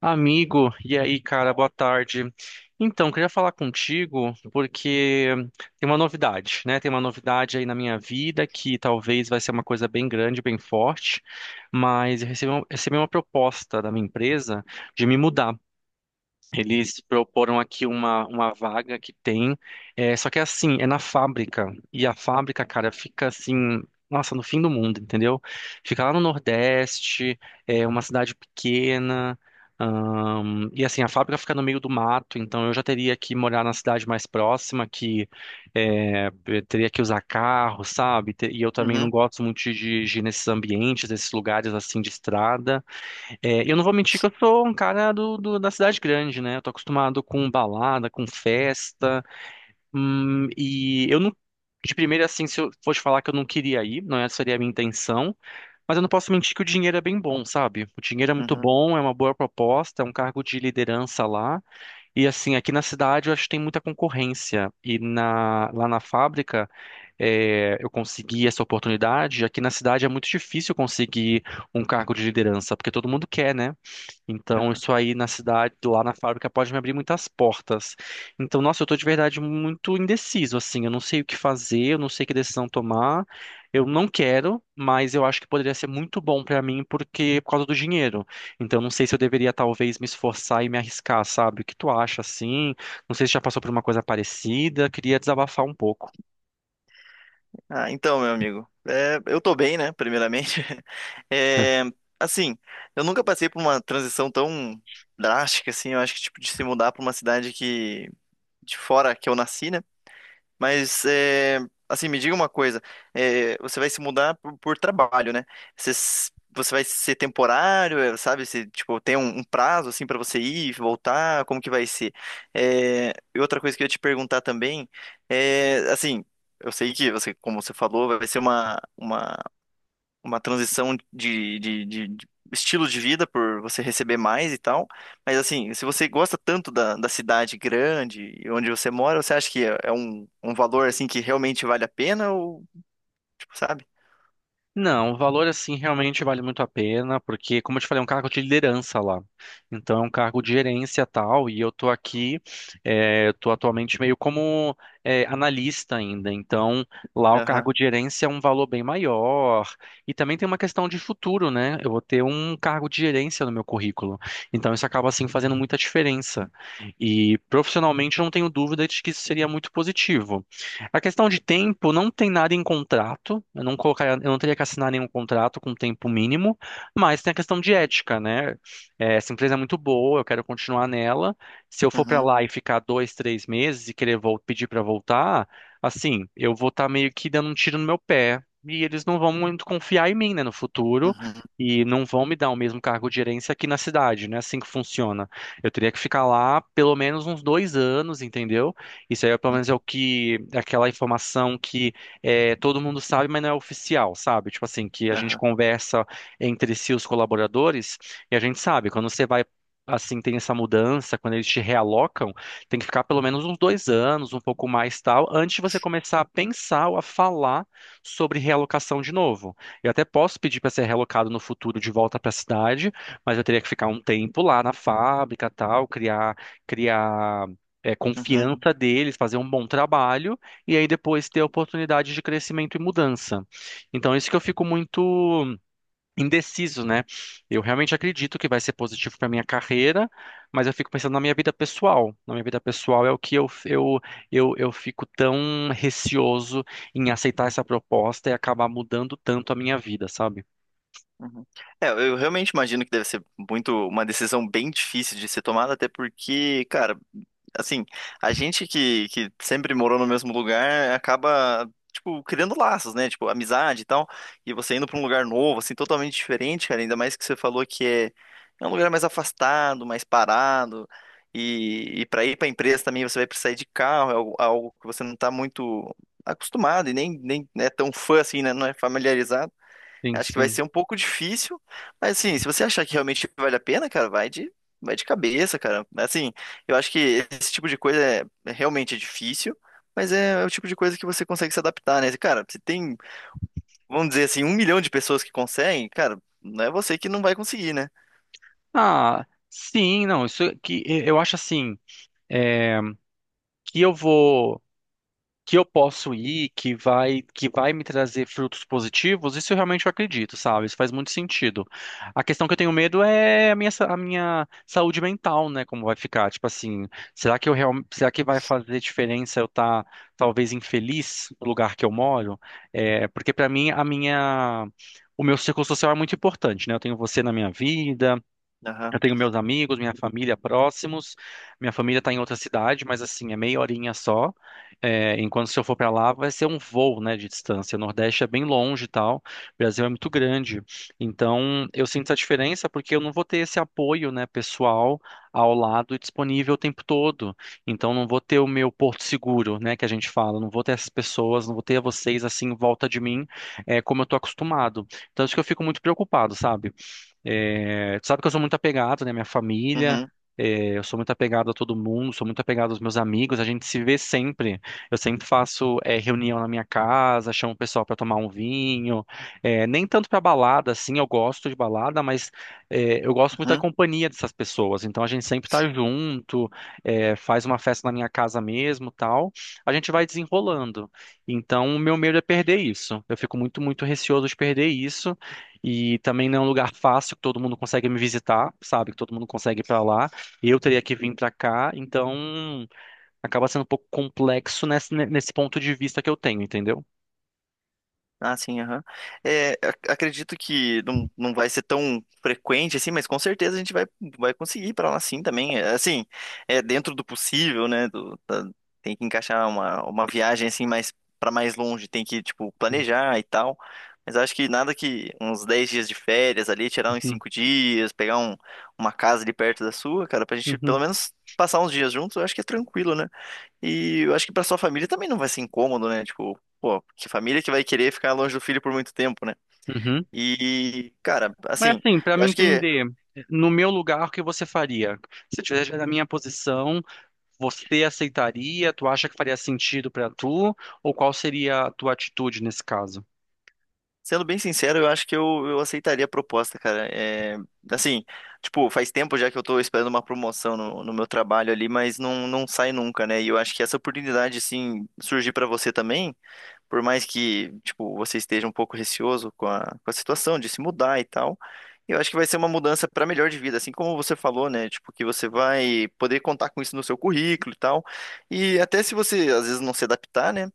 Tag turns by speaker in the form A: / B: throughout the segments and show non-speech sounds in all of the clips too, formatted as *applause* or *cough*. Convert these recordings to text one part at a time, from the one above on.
A: Amigo, e aí, cara, boa tarde. Então, queria falar contigo porque tem uma novidade, né? Tem uma novidade aí na minha vida que talvez vai ser uma coisa bem grande, bem forte, mas eu recebi uma proposta da minha empresa de me mudar. Eles proporam aqui uma vaga só que é assim, é na fábrica. E a fábrica, cara, fica assim, nossa, no fim do mundo, entendeu? Fica lá no Nordeste, é uma cidade pequena. E assim, a fábrica fica no meio do mato, então eu já teria que morar na cidade mais próxima, que eu teria que usar carro, sabe? E eu também não
B: Uhum,
A: gosto muito de dirigir nesses ambientes, nesses lugares assim de estrada. É, eu não vou mentir que eu sou um cara da cidade grande, né? Eu tô acostumado com balada, com festa, e eu não. De primeira, assim, se eu fosse falar que eu não queria ir, não essa seria a minha intenção, mas eu não posso mentir que o dinheiro é bem bom, sabe? O dinheiro é muito
B: uhum,
A: bom, é uma boa proposta, é um cargo de liderança lá, e assim, aqui na cidade eu acho que tem muita concorrência, e lá na fábrica eu consegui essa oportunidade, aqui na cidade é muito difícil conseguir um cargo de liderança, porque todo mundo quer, né? Então,
B: aham.
A: isso aí na cidade, lá na fábrica, pode me abrir muitas portas. Então, nossa, eu tô de verdade muito indeciso, assim. Eu não sei o que fazer, eu não sei que decisão tomar. Eu não quero, mas eu acho que poderia ser muito bom pra mim porque é por causa do dinheiro. Então, não sei se eu deveria talvez me esforçar e me arriscar, sabe? O que tu acha, assim? Não sei se já passou por uma coisa parecida. Queria desabafar um pouco.
B: Ah, então, meu amigo, eu tô bem, né? Primeiramente, *laughs* É, assim, eu nunca passei por uma transição tão drástica, assim. Eu acho que tipo de se mudar pra uma cidade que de fora que eu nasci, né? Mas, assim, me diga uma coisa. Você vai se mudar por trabalho, né? Você, você vai ser temporário, é, sabe? Se, tipo, tem um prazo, assim, para você ir e voltar? Como que vai ser? É, e outra coisa que eu ia te perguntar também é, assim, eu sei que você, como você falou, vai ser uma transição de estilo de vida por você receber mais e tal. Mas assim, se você gosta tanto da cidade grande e onde você mora, você acha que é um valor assim que realmente vale a pena ou, tipo, sabe?
A: Não, o valor assim realmente vale muito a pena, porque, como eu te falei, é um cargo de liderança lá. Então, é um cargo de gerência tal, e eu tô atualmente meio como analista ainda. Então, lá o
B: Aham.
A: cargo de gerência é um valor bem maior. E também tem uma questão de futuro, né? Eu vou ter um cargo de gerência no meu currículo. Então, isso acaba assim fazendo muita diferença. E profissionalmente, eu não tenho dúvida de que isso seria muito positivo. A questão de tempo não tem nada em contrato. Eu não colocaria, eu não teria que assinar nenhum contrato com tempo mínimo, mas tem a questão de ética, né? É, essa empresa é muito boa, eu quero continuar nela. Se eu for para
B: Uhum.
A: lá e ficar 2, 3 meses e querer pedir para voltar, assim, eu vou estar meio que dando um tiro no meu pé e eles não vão muito confiar em mim, né, no futuro.
B: Uhum.
A: E não vão me dar o mesmo cargo de gerência aqui na cidade, né? Assim que funciona. Eu teria que ficar lá pelo menos uns 2 anos, entendeu? Isso aí, pelo menos,
B: Uhum.
A: é aquela informação que todo mundo sabe, mas não é oficial, sabe? Tipo assim, que a gente
B: Aham.
A: conversa entre si, os colaboradores, e a gente sabe, quando você vai, assim, tem essa mudança, quando eles te realocam, tem que ficar pelo menos uns 2 anos, um pouco mais tal, antes de você começar a pensar ou a falar sobre realocação de novo. Eu até posso pedir para ser realocado no futuro de volta para a cidade, mas eu teria que ficar um tempo lá na fábrica, tal, criar criar
B: Uhum.
A: confiança deles, fazer um bom trabalho e aí depois ter oportunidade de crescimento e mudança. Então, isso que eu fico muito indeciso, né? Eu realmente acredito que vai ser positivo para minha carreira, mas eu fico pensando na minha vida pessoal. Na minha vida pessoal é o que eu fico tão receoso em aceitar essa proposta e acabar mudando tanto a minha vida, sabe?
B: Uhum. É, eu realmente imagino que deve ser muito uma decisão bem difícil de ser tomada, até porque, cara, assim, a gente que sempre morou no mesmo lugar acaba, tipo, criando laços, né? Tipo, amizade e tal. E você indo pra um lugar novo, assim, totalmente diferente, cara, ainda mais que você falou que é, é um lugar mais afastado, mais parado. E para ir pra empresa também você vai precisar ir de carro, é algo, algo que você não tá muito acostumado e nem é tão fã assim, né? Não é familiarizado.
A: Sim,
B: Acho que vai
A: sim.
B: ser um pouco difícil, mas assim, se você achar que realmente vale a pena, cara, vai de cabeça, cara. Assim, eu acho que esse tipo de coisa é realmente é difícil, mas é o tipo de coisa que você consegue se adaptar, né? Cara, se tem, vamos dizer assim, 1 milhão de pessoas que conseguem, cara, não é você que não vai conseguir, né?
A: Ah, sim, não, isso que eu acho assim, que eu vou que eu posso ir, que vai me trazer frutos positivos, isso eu realmente acredito, sabe? Isso faz muito sentido. A questão que eu tenho medo é a minha saúde mental, né? Como vai ficar? Tipo assim, será que vai fazer diferença eu estar talvez infeliz no lugar que eu moro? É, porque para mim a minha O meu círculo social é muito importante, né? Eu tenho você na minha vida,
B: Aham.
A: eu tenho meus amigos, minha família próximos. Minha família está em outra cidade, mas assim, é meia horinha só. É, enquanto se eu for para lá, vai ser um voo, né, de distância. O Nordeste é bem longe e tal. O Brasil é muito grande. Então, eu sinto essa diferença porque eu não vou ter esse apoio, né, pessoal ao lado e disponível o tempo todo. Então, não vou ter o meu porto seguro, né, que a gente fala. Não vou ter essas pessoas, não vou ter vocês assim em volta de mim, como eu tô acostumado. Então, acho que eu fico muito preocupado, sabe? É, tu sabe que eu sou muito apegado, né? Minha família,
B: Uhum.
A: eu sou muito apegado a todo mundo, sou muito apegado aos meus amigos, a gente se vê sempre. Eu sempre faço, reunião na minha casa, chamo o pessoal para tomar um vinho. É, nem tanto para balada, assim, eu gosto de balada, mas eu gosto muito da
B: Uhum.
A: companhia dessas pessoas. Então a gente sempre tá junto, faz uma festa na minha casa mesmo, tal. A gente vai desenrolando. Então o meu medo é perder isso. Eu fico muito, muito receoso de perder isso. E também não é um lugar fácil que todo mundo consegue me visitar, sabe? Que todo mundo consegue ir pra lá. Eu teria que vir pra cá, então acaba sendo um pouco complexo nesse ponto de vista que eu tenho, entendeu?
B: Ah, sim, aham. É, acredito que não, não vai ser tão frequente assim, mas com certeza a gente vai, vai conseguir ir pra lá sim também. É, assim, é dentro do possível, né? Tem que encaixar uma viagem assim mais para mais longe, tem que, tipo, planejar e tal. Mas acho que nada que uns 10 dias de férias ali, tirar uns
A: Uhum,
B: 5 dias, pegar uma casa ali perto da sua, cara, pra gente pelo
A: uhum,
B: menos passar uns dias juntos, eu acho que é tranquilo, né? E eu acho que pra sua família também não vai ser incômodo, né? Tipo, pô, que família que vai querer ficar longe do filho por muito tempo, né?
A: uhum.
B: E, cara,
A: Mas
B: assim,
A: assim, pra
B: eu
A: me
B: acho que,
A: entender, no meu lugar, o que você faria? Se tivesse na minha posição, você aceitaria? Tu acha que faria sentido pra tu? Ou qual seria a tua atitude nesse caso?
B: sendo bem sincero, eu acho que eu aceitaria a proposta, cara. É, assim, tipo, faz tempo já que eu tô esperando uma promoção no meu trabalho ali, mas não, não sai nunca, né? E eu acho que essa oportunidade, assim, surgir pra você também. Por mais que, tipo, você esteja um pouco receoso com com a situação de se mudar e tal, eu acho que vai ser uma mudança para melhor de vida, assim como você falou, né? Tipo, que você vai poder contar com isso no seu currículo e tal. E até se você, às vezes, não se adaptar, né?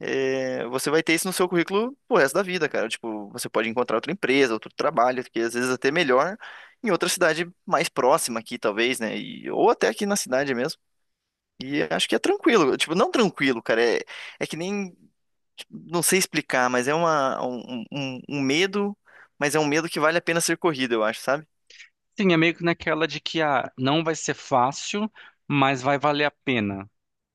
B: É, você vai ter isso no seu currículo pro resto da vida, cara. Tipo, você pode encontrar outra empresa, outro trabalho, que às vezes até melhor, em outra cidade mais próxima aqui, talvez, né? E, ou até aqui na cidade mesmo. E acho que é tranquilo. Tipo, não tranquilo, cara. É, é que nem não sei explicar, mas é um um medo, mas é um medo que vale a pena ser corrido, eu acho, sabe?
A: Sim, é meio que naquela de que ah, não vai ser fácil, mas vai valer a pena.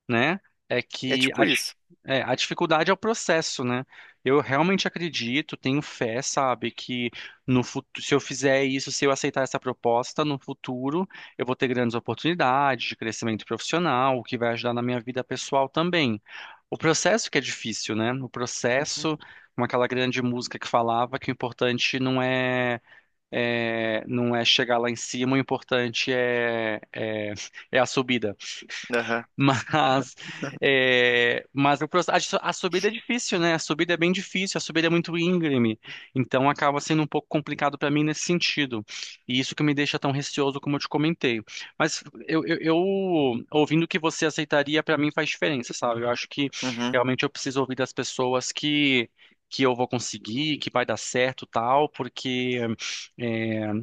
A: Né? É
B: É
A: que
B: tipo isso.
A: a dificuldade é o processo, né? Eu realmente acredito, tenho fé, sabe, que no futuro, se eu fizer isso, se eu aceitar essa proposta, no futuro eu vou ter grandes oportunidades de crescimento profissional, o que vai ajudar na minha vida pessoal também. O processo que é difícil, né? O
B: Uhum.
A: processo, como aquela grande música que falava que o importante não é, é não é chegar lá em cima, o importante é, é a subida.
B: Aham.
A: Mas, mas o proce- a, su- a subida é difícil, né? A subida é bem difícil, a subida é muito íngreme. Então acaba sendo um pouco complicado para mim nesse sentido. E isso que me deixa tão receoso como eu te comentei. Mas eu ouvindo que você aceitaria, para mim faz diferença, sabe? Eu acho que
B: Uhum.
A: realmente eu preciso ouvir das pessoas que eu vou conseguir, que vai dar certo, tal, porque eh,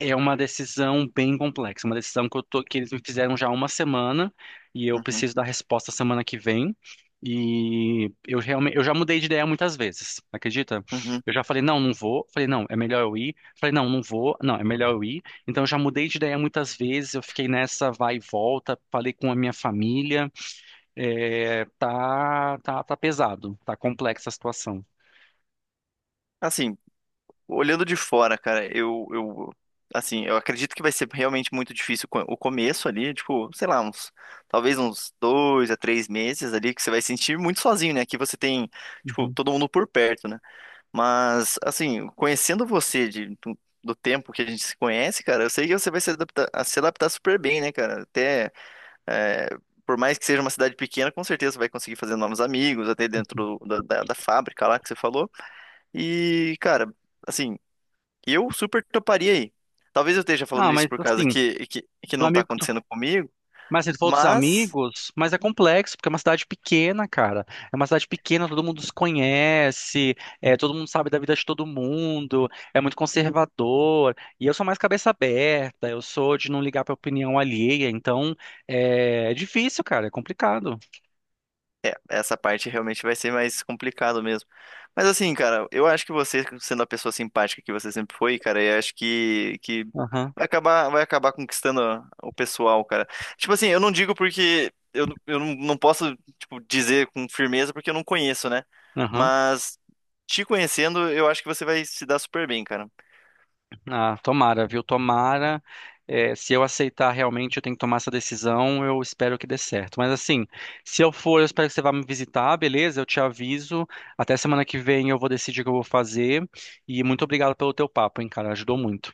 A: é uma decisão bem complexa, uma decisão que eles me fizeram já há uma semana e eu
B: Uhum.
A: preciso da resposta semana que vem. E eu realmente, eu já mudei de ideia muitas vezes, acredita?
B: Uhum.
A: Eu já falei, não, não vou. Falei, não, é melhor eu ir. Falei, não, não vou. Não, é melhor eu ir. Então eu já mudei de ideia muitas vezes. Eu fiquei nessa vai e volta. Falei com a minha família. É, tá, tá, tá pesado. Tá complexa a situação.
B: Assim, olhando de fora, cara, assim, eu acredito que vai ser realmente muito difícil o começo ali, tipo, sei lá, uns, talvez uns 2 a 3 meses ali, que você vai sentir muito sozinho, né? Aqui você tem, tipo,
A: Uhum.
B: todo mundo por perto, né? Mas, assim, conhecendo você do tempo que a gente se conhece, cara, eu sei que você vai se adaptar super bem, né, cara? Até, é, por mais que seja uma cidade pequena, com certeza você vai conseguir fazer novos amigos, até dentro da fábrica lá que você falou. E, cara, assim, eu super toparia aí. Talvez eu esteja
A: Ah,
B: falando isso
A: mas
B: por causa
A: assim,
B: que
A: do
B: não tá
A: amigo
B: acontecendo comigo,
A: Mas se tu for dos
B: mas.
A: amigos, mas é complexo, porque é uma cidade pequena, cara. É uma cidade pequena, todo mundo se conhece, todo mundo sabe da vida de todo mundo, é muito conservador. E eu sou mais cabeça aberta, eu sou de não ligar pra opinião alheia, então é difícil, cara, é complicado.
B: É, essa parte realmente vai ser mais complicado mesmo. Mas assim, cara, eu acho que você, sendo a pessoa simpática que você sempre foi, cara, eu acho que
A: Aham,
B: vai acabar conquistando o pessoal, cara. Tipo assim, eu não digo porque eu não não posso, tipo, dizer com firmeza porque eu não conheço, né?
A: aham.
B: Mas te conhecendo, eu acho que você vai se dar super bem, cara.
A: Ah, tomara, viu? Tomara. É, se eu aceitar realmente, eu tenho que tomar essa decisão. Eu espero que dê certo. Mas assim, se eu for, eu espero que você vá me visitar, beleza? Eu te aviso. Até semana que vem eu vou decidir o que eu vou fazer. E muito obrigado pelo teu papo, hein, cara? Ajudou muito.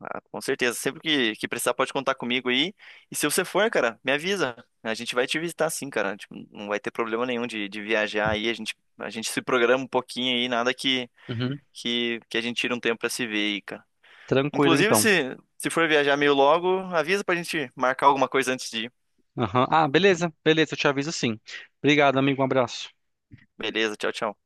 B: Ah, com certeza. Sempre que precisar, pode contar comigo aí. E se você for, cara, me avisa. A gente vai te visitar sim, cara. Tipo, não vai ter problema nenhum de viajar aí. A gente se programa um pouquinho aí, nada
A: Uhum.
B: que a gente tira um tempo pra se ver aí, cara.
A: Tranquilo,
B: Inclusive,
A: então.
B: se for viajar meio logo, avisa pra gente marcar alguma coisa antes de ir.
A: Aham. Ah, beleza, beleza, eu te aviso sim. Obrigado, amigo. Um abraço.
B: Beleza, tchau, tchau.